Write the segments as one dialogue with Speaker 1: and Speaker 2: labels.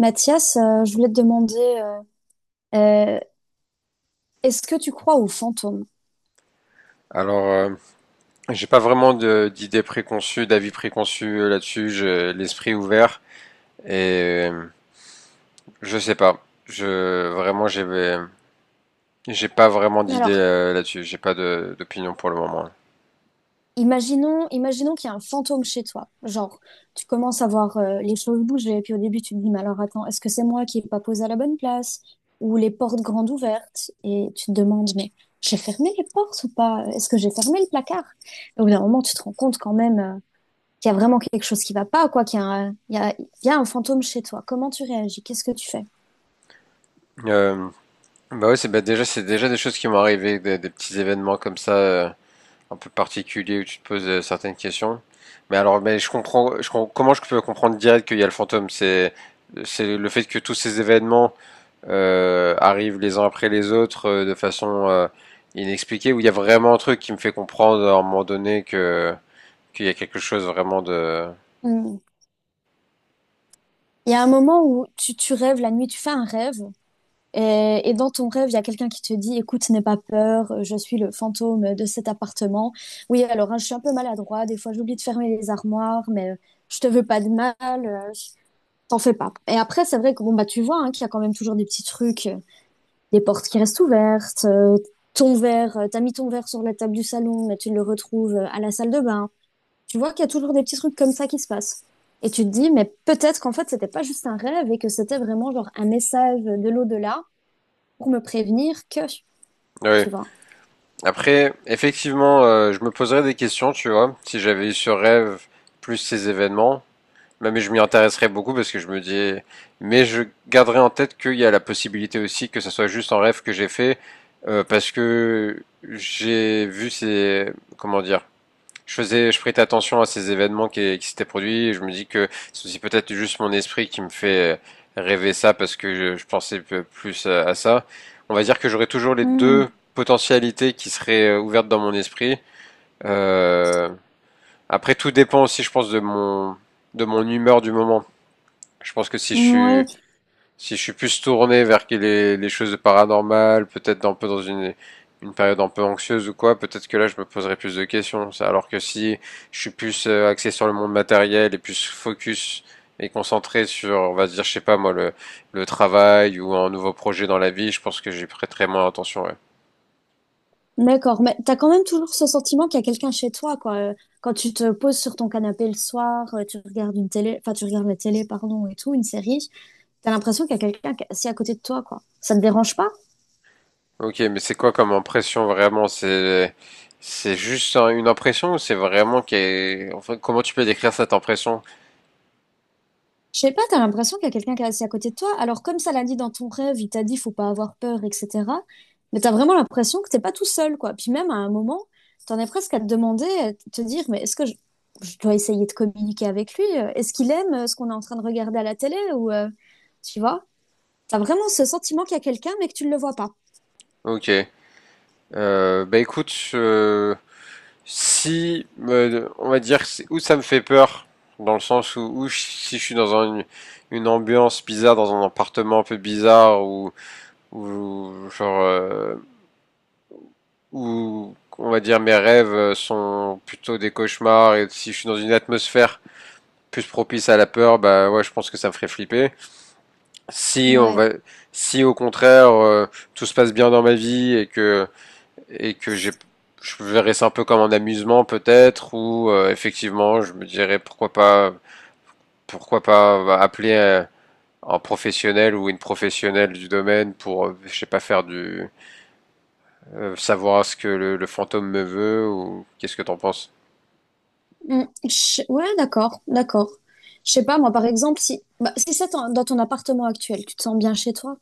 Speaker 1: Mathias, je voulais te demander, euh, euh, est-ce que tu crois aux fantômes?
Speaker 2: Alors, euh, j'ai pas vraiment d'idées préconçues, d'avis préconçus là-dessus. J'ai l'esprit ouvert et je sais pas. Je Vraiment, j'ai pas vraiment d'idées
Speaker 1: Alors,
Speaker 2: là-dessus. J'ai pas d'opinion pour le moment.
Speaker 1: imaginons, imaginons qu'il y a un fantôme chez toi. Genre, tu commences à voir les choses bouger, puis au début, tu te dis, mais alors attends, est-ce que c'est moi qui n'ai pas posé à la bonne place? Ou les portes grandes ouvertes, et tu te demandes, mais j'ai fermé les portes ou pas? Est-ce que j'ai fermé le placard? Et au bout d'un moment, tu te rends compte quand même qu'il y a vraiment quelque chose qui va pas, quoi, qu'il y a un, il y a un fantôme chez toi. Comment tu réagis? Qu'est-ce que tu fais?
Speaker 2: Euh, bah ouais, c'est déjà des choses qui m'ont arrivé, des petits événements comme ça, un peu particuliers où tu te poses certaines questions. Mais alors, mais je comprends, je com- comment je peux comprendre direct qu'il y a le fantôme? C'est le fait que tous ces événements arrivent les uns après les autres de façon inexpliquée, où il y a vraiment un truc qui me fait comprendre à un moment donné que qu'il y a quelque chose vraiment de...
Speaker 1: Hmm. Il y a un moment où tu rêves la nuit, tu fais un rêve, et dans ton rêve, il y a quelqu'un qui te dit, écoute, n'aie pas peur, je suis le fantôme de cet appartement. Oui, alors hein, je suis un peu maladroit, des fois j'oublie de fermer les armoires, mais je te veux pas de mal, euh, je- t'en fais pas. Et après, c'est vrai que bon bah tu vois hein, qu'il y a quand même toujours des petits trucs, des portes qui restent ouvertes, ton verre, t'as mis ton verre sur la table du salon, mais tu le retrouves à la salle de bain. Tu vois qu'il y a toujours des petits trucs comme ça qui se passent. Et tu te dis, mais peut-être qu'en fait, c'était pas juste un rêve et que c'était vraiment genre un message de l'au-delà pour me prévenir que,
Speaker 2: Oui.
Speaker 1: tu vois.
Speaker 2: Après, effectivement, je me poserais des questions, tu vois, si j'avais eu ce rêve plus ces événements. Mais je m'y intéresserais beaucoup parce que je me dis... Mais je garderai en tête qu'il y a la possibilité aussi que ça soit juste un rêve que j'ai fait parce que j'ai vu ces... Comment dire? Je prêtais attention à ces événements qui s'étaient produits. Et je me dis que c'est aussi peut-être juste mon esprit qui me fait rêver ça parce que je pensais plus à ça. On va dire que j'aurais toujours les
Speaker 1: Hmm,
Speaker 2: deux potentialités qui seraient ouvertes dans mon esprit. Euh, après, tout dépend aussi, je pense, de mon humeur du moment. Je pense que
Speaker 1: ouais,
Speaker 2: si je suis plus tourné vers les choses de paranormal, peut-être un peu dans une période un peu anxieuse ou quoi, peut-être que là je me poserais plus de questions. Alors que si je suis plus axé sur le monde matériel et plus focus et concentré sur, on va dire, je sais pas moi, le travail ou un nouveau projet dans la vie, je pense que j'y prêterais moins attention. Ouais.
Speaker 1: d'accord. Mais t'as quand même toujours ce sentiment qu'il y a quelqu'un chez toi, quoi. Quand tu te poses sur ton canapé le soir, tu regardes une télé, enfin, tu regardes la télé, pardon, et tout, une série, t'as l'impression qu'il y a quelqu'un qui est assis à côté de toi, quoi. Ça te dérange pas?
Speaker 2: Ok, mais c'est quoi comme impression vraiment? C'est juste une impression ou c'est vraiment qu'est... Enfin, comment tu peux décrire cette impression?
Speaker 1: Je sais pas, t'as l'impression qu'il y a quelqu'un qui est assis à côté de toi. Alors, comme ça l'a dit dans ton rêve, il t'a dit faut pas avoir peur, etc. Mais t'as vraiment l'impression que t'es pas tout seul, quoi. Puis même à un moment, t'en es presque à te demander, à te dire, mais je dois essayer de communiquer avec lui? Est-ce qu'il aime ce qu'on est en train de regarder à la télé? Ou, tu vois, t'as vraiment ce sentiment qu'il y a quelqu'un, mais que tu ne le vois pas.
Speaker 2: Ok. Bah écoute, si, on va dire, où ça me fait peur, dans le sens où, où si je suis dans une ambiance bizarre, dans un appartement un peu bizarre, ou genre, où, on va dire, mes rêves sont plutôt des cauchemars, et si je suis dans une atmosphère plus propice à la peur, bah ouais, je pense que ça me ferait flipper. Si on
Speaker 1: Ouais.
Speaker 2: va, Si au contraire, tout se passe bien dans ma vie et que j'ai je verrais ça un peu comme un amusement peut-être ou effectivement je me dirais pourquoi pas bah, appeler un professionnel ou une professionnelle du domaine pour je sais pas faire du savoir ce que le fantôme me veut ou qu'est-ce que t'en penses?
Speaker 1: Mm. Ouais, d'accord, d'accord. Je sais pas, moi, par exemple, si, bah, si c'est dans ton appartement actuel, tu te sens bien chez toi?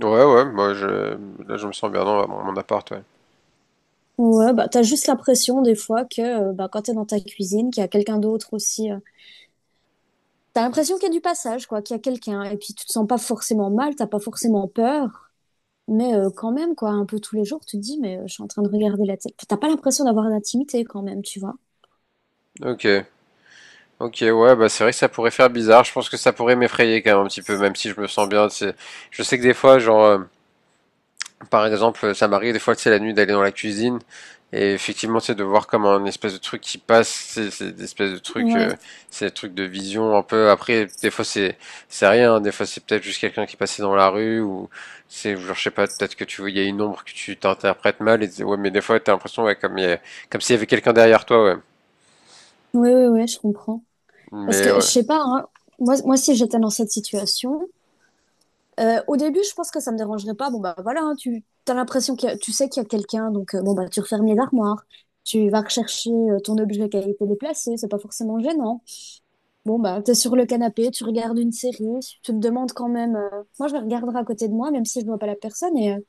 Speaker 2: Ouais, ouais, moi je me sens bien dans mon appart, ouais.
Speaker 1: Ouais, bah, t'as juste l'impression des fois que bah, quand t'es dans ta cuisine, qu'il y a quelqu'un d'autre aussi. T'as l'impression qu'il y a du passage, quoi, qu'il y a quelqu'un. Et puis tu te sens pas forcément mal, t'as pas forcément peur. Mais quand même, quoi, un peu tous les jours, tu te dis, mais je suis en train de regarder la télé. Enfin, t'as pas l'impression d'avoir d'intimité quand même, tu vois.
Speaker 2: Ok. Ok, ouais, bah c'est vrai que ça pourrait faire bizarre. Je pense que ça pourrait m'effrayer quand même un petit peu, même si je me sens bien. C'est Je sais que des fois, genre, par exemple, ça m'arrive des fois, tu sais, la nuit d'aller dans la cuisine et effectivement, tu sais, de voir comme un espèce de truc qui passe, tu c'est des espèces de trucs,
Speaker 1: Ouais,
Speaker 2: c'est des trucs de vision un peu. Après, des fois, c'est rien, hein, des fois, c'est peut-être juste quelqu'un qui passait dans la rue ou c'est, genre, je sais pas, peut-être que tu vois, il y a une ombre que tu t'interprètes mal et tu dis, ouais, mais des fois, t'as l'impression, ouais, comme s'il y avait quelqu'un derrière toi, ouais.
Speaker 1: ouais, ouais, ouais, je comprends. Parce
Speaker 2: Mais
Speaker 1: que je
Speaker 2: ouais,
Speaker 1: sais pas, hein, moi si j'étais dans cette situation, au début, je pense que ça me dérangerait pas. Bon, bah voilà, hein, tu as l'impression que tu sais qu'il y a quelqu'un, donc bon, bah tu refermes les armoires, tu vas rechercher ton objet qui a été déplacé, c'est pas forcément gênant. Bon, bah t'es sur le canapé, tu regardes une série, tu te demandes quand même. Moi, je la regarderai à côté de moi, même si je vois pas la personne, et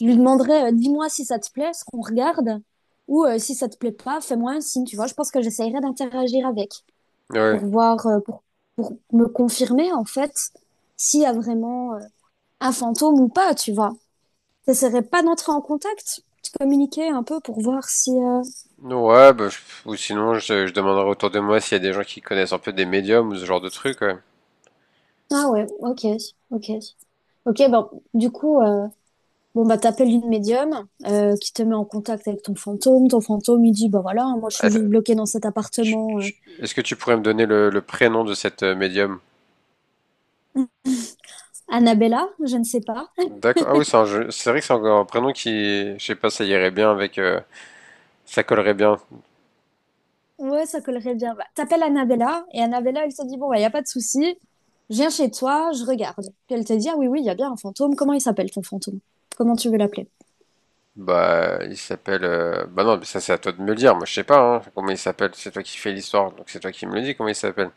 Speaker 1: je lui demanderai, dis-moi si ça te plaît, ce qu'on regarde, ou si ça te plaît pas, fais-moi un signe, tu vois. Je pense que j'essayerai d'interagir avec
Speaker 2: ouais.
Speaker 1: pour voir, pour me confirmer en fait s'il y a vraiment un fantôme ou pas, tu vois. Ça serait pas d'entrer en contact, de communiquer un peu pour voir si.
Speaker 2: Non, ouais, ou sinon, je demanderai autour de moi s'il y a des gens qui connaissent un peu des médiums ou ce genre de trucs, ouais.
Speaker 1: Ah ouais, ok, ok, ok. Bon, du coup, bon bah t'appelles une médium qui te met en contact avec ton fantôme. Ton fantôme, il dit bah voilà, moi je suis juste
Speaker 2: Ah,
Speaker 1: bloqué dans cet
Speaker 2: Tu-
Speaker 1: appartement.
Speaker 2: tu- est-ce que tu pourrais me donner le prénom de cette médium?
Speaker 1: Annabella, je ne sais pas.
Speaker 2: D'accord. Ah oui, c'est un jeu. C'est vrai que c'est encore un prénom qui, je sais pas, ça irait bien avec, ça collerait bien.
Speaker 1: Ouais, ça collerait bien. Bah, t'appelles Annabella et Annabella, elle te dit bon bah y a pas de souci, je viens chez toi, je regarde. Puis elle te dit ah oui oui, il y a bien un fantôme. Comment il s'appelle ton fantôme? Comment tu veux l'appeler?
Speaker 2: Bah, il s'appelle. Bah non, mais ça c'est à toi de me le dire. Moi, je sais pas. Hein, comment il s'appelle? C'est toi qui fais l'histoire, donc c'est toi qui me le dis. Comment il s'appelle?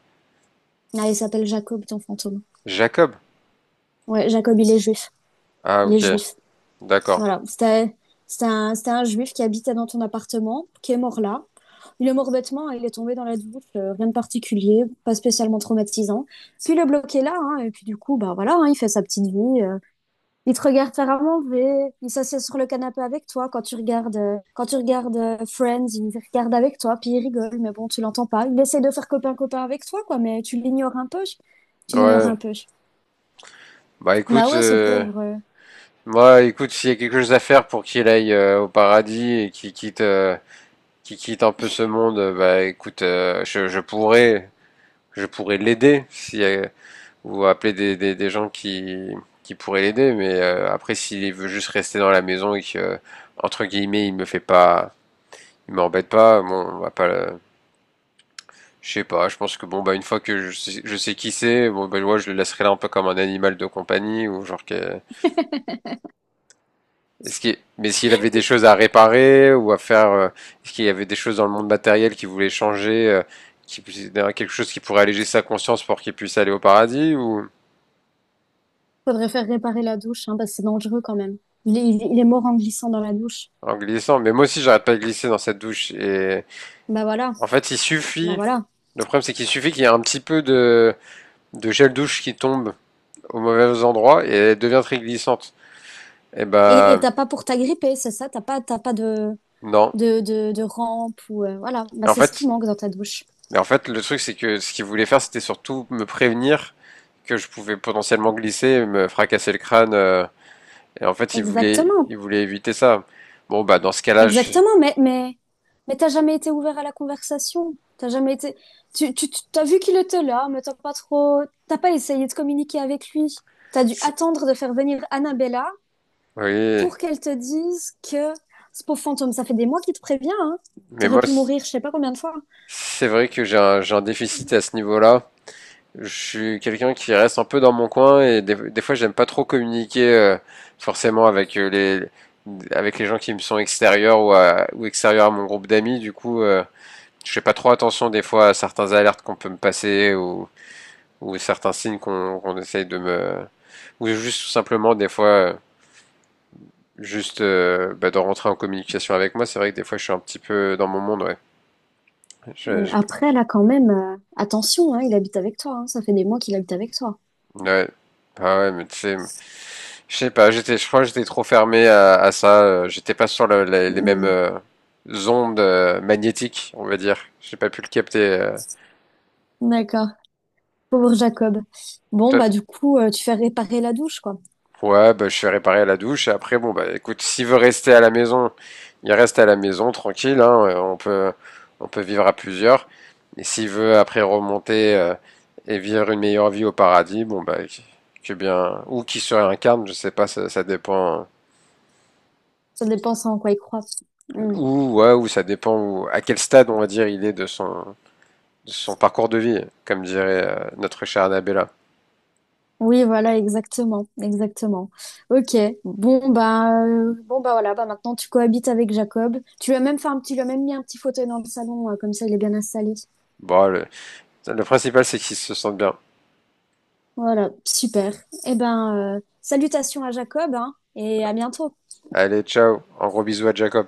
Speaker 1: Ah, il s'appelle Jacob, ton fantôme.
Speaker 2: Jacob.
Speaker 1: Ouais, Jacob, il est juif.
Speaker 2: Ah,
Speaker 1: Il est
Speaker 2: ok.
Speaker 1: juif.
Speaker 2: D'accord.
Speaker 1: Voilà. C'était un juif qui habitait dans ton appartement, qui est mort là. Il est mort bêtement, hein, il est tombé dans la douche, rien de particulier, pas spécialement traumatisant. Puis le bloc est là, hein, et puis du coup, bah voilà, hein, il fait sa petite vie. Il te regarde faire à manger, il s'assied sur le canapé avec toi quand tu regardes, Friends, il regarde avec toi, puis il rigole, mais bon, tu l'entends pas. Il essaie de faire copain-copain avec toi, quoi, mais tu l'ignores un peu. Tu l'ignores un
Speaker 2: Ouais.
Speaker 1: peu.
Speaker 2: Bah
Speaker 1: Bah
Speaker 2: écoute,
Speaker 1: ouais, ce pauvre.
Speaker 2: moi, écoute, s'il y a quelque chose à faire pour qu'il aille au paradis et qu'il quitte un peu ce monde, bah écoute, je pourrais l'aider si vous appelez des gens qui pourraient l'aider, mais après s'il veut juste rester dans la maison et que entre guillemets il m'embête pas, bon on va pas, le- je sais pas, je pense que bon bah une fois que je sais qui c'est, bon bah ouais, je le laisserai là un peu comme un animal de compagnie ou genre que, est-ce qu'il, mais s'il avait des choses à réparer ou à faire, est-ce qu'il y avait des choses dans le monde matériel qu'il voulait changer, quelque chose qui pourrait alléger sa conscience pour qu'il puisse aller au paradis ou...
Speaker 1: Faudrait faire réparer la douche, hein, parce que c'est dangereux quand même. Il est mort en glissant dans la douche.
Speaker 2: En glissant, mais moi aussi j'arrête pas de glisser dans cette douche. Et
Speaker 1: Bah voilà,
Speaker 2: en fait, il
Speaker 1: bah
Speaker 2: suffit.
Speaker 1: voilà.
Speaker 2: Le problème, c'est qu'il suffit qu'il y ait un petit peu de gel douche qui tombe au mauvais endroit et elle devient très glissante. Et
Speaker 1: Et
Speaker 2: bah
Speaker 1: t'as pas pour t'agripper, c'est ça? T'as pas de,
Speaker 2: non.
Speaker 1: de rampe ou voilà.
Speaker 2: Et
Speaker 1: Bah
Speaker 2: en
Speaker 1: c'est ce qui
Speaker 2: fait,
Speaker 1: manque dans ta douche.
Speaker 2: en fait, le truc, c'est que ce qu'il voulait faire, c'était surtout me prévenir que je pouvais potentiellement glisser et me fracasser le crâne. Et en fait,
Speaker 1: Exactement,
Speaker 2: il voulait éviter ça. Bon, bah dans ce cas-là, je...
Speaker 1: exactement. Mais t'as jamais été ouvert à la conversation. T'as jamais été. T'as vu qu'il était là, mais t'as pas trop. T'as pas essayé de communiquer avec lui. T'as dû
Speaker 2: c'est-
Speaker 1: attendre de faire venir Annabella
Speaker 2: oui.
Speaker 1: pour qu'elle te dise que ce pauvre fantôme, ça fait des mois qu'il te prévient, hein.
Speaker 2: Mais
Speaker 1: T'aurais
Speaker 2: moi,
Speaker 1: pu mourir je sais pas combien de fois.
Speaker 2: c'est vrai que j'ai un déficit à ce niveau-là. Je suis quelqu'un qui reste un peu dans mon coin et des fois j'aime pas trop communiquer forcément avec les avec les gens qui me sont extérieurs ou, ou extérieurs à mon groupe d'amis. Du coup, je fais pas trop attention des fois à certains alertes qu'on peut me passer ou certains signes qu'on essaye de me... ou juste tout simplement des fois juste bah, de rentrer en communication avec moi. C'est vrai que des fois je suis un petit peu dans mon monde. Ouais, Je- je-
Speaker 1: Après, là, quand même, attention, hein, il habite avec toi. Hein. Ça fait des mois qu'il habite avec toi.
Speaker 2: ouais. Ah ouais, mais tu sais, je sais pas, je crois que j'étais trop fermé à ça. J'étais pas sur les mêmes
Speaker 1: Hmm.
Speaker 2: ondes magnétiques, on va dire. J'ai pas pu le capter.
Speaker 1: D'accord. Pauvre Jacob. Bon, bah
Speaker 2: Toi-
Speaker 1: du coup, tu fais réparer la douche, quoi.
Speaker 2: Ouais, bah, je suis réparé à la douche. Et après, bon, bah, écoute, s'il veut rester à la maison, il reste à la maison, tranquille, hein, on peut vivre à plusieurs. Et s'il veut après remonter et vivre une meilleure vie au paradis, bon, bah, que bien, ou qui se réincarne, je sais pas, ça dépend.
Speaker 1: Ça dépend en quoi il croit. Hmm.
Speaker 2: Ou, ouais, ou ça dépend à quel stade, on va dire, il est de son parcours de vie, comme dirait notre chère Annabella.
Speaker 1: Oui, voilà, exactement, exactement. Ok. Bon, bah, voilà. Bah maintenant, tu cohabites avec Jacob. Tu lui as même mis un petit fauteuil dans le salon, comme ça, il est bien installé.
Speaker 2: Bon, le principal, c'est qu'il se sente bien.
Speaker 1: Voilà, super. Eh ben, salutations à Jacob, hein, et à bientôt.
Speaker 2: Allez, ciao. Un gros bisou à Jacob.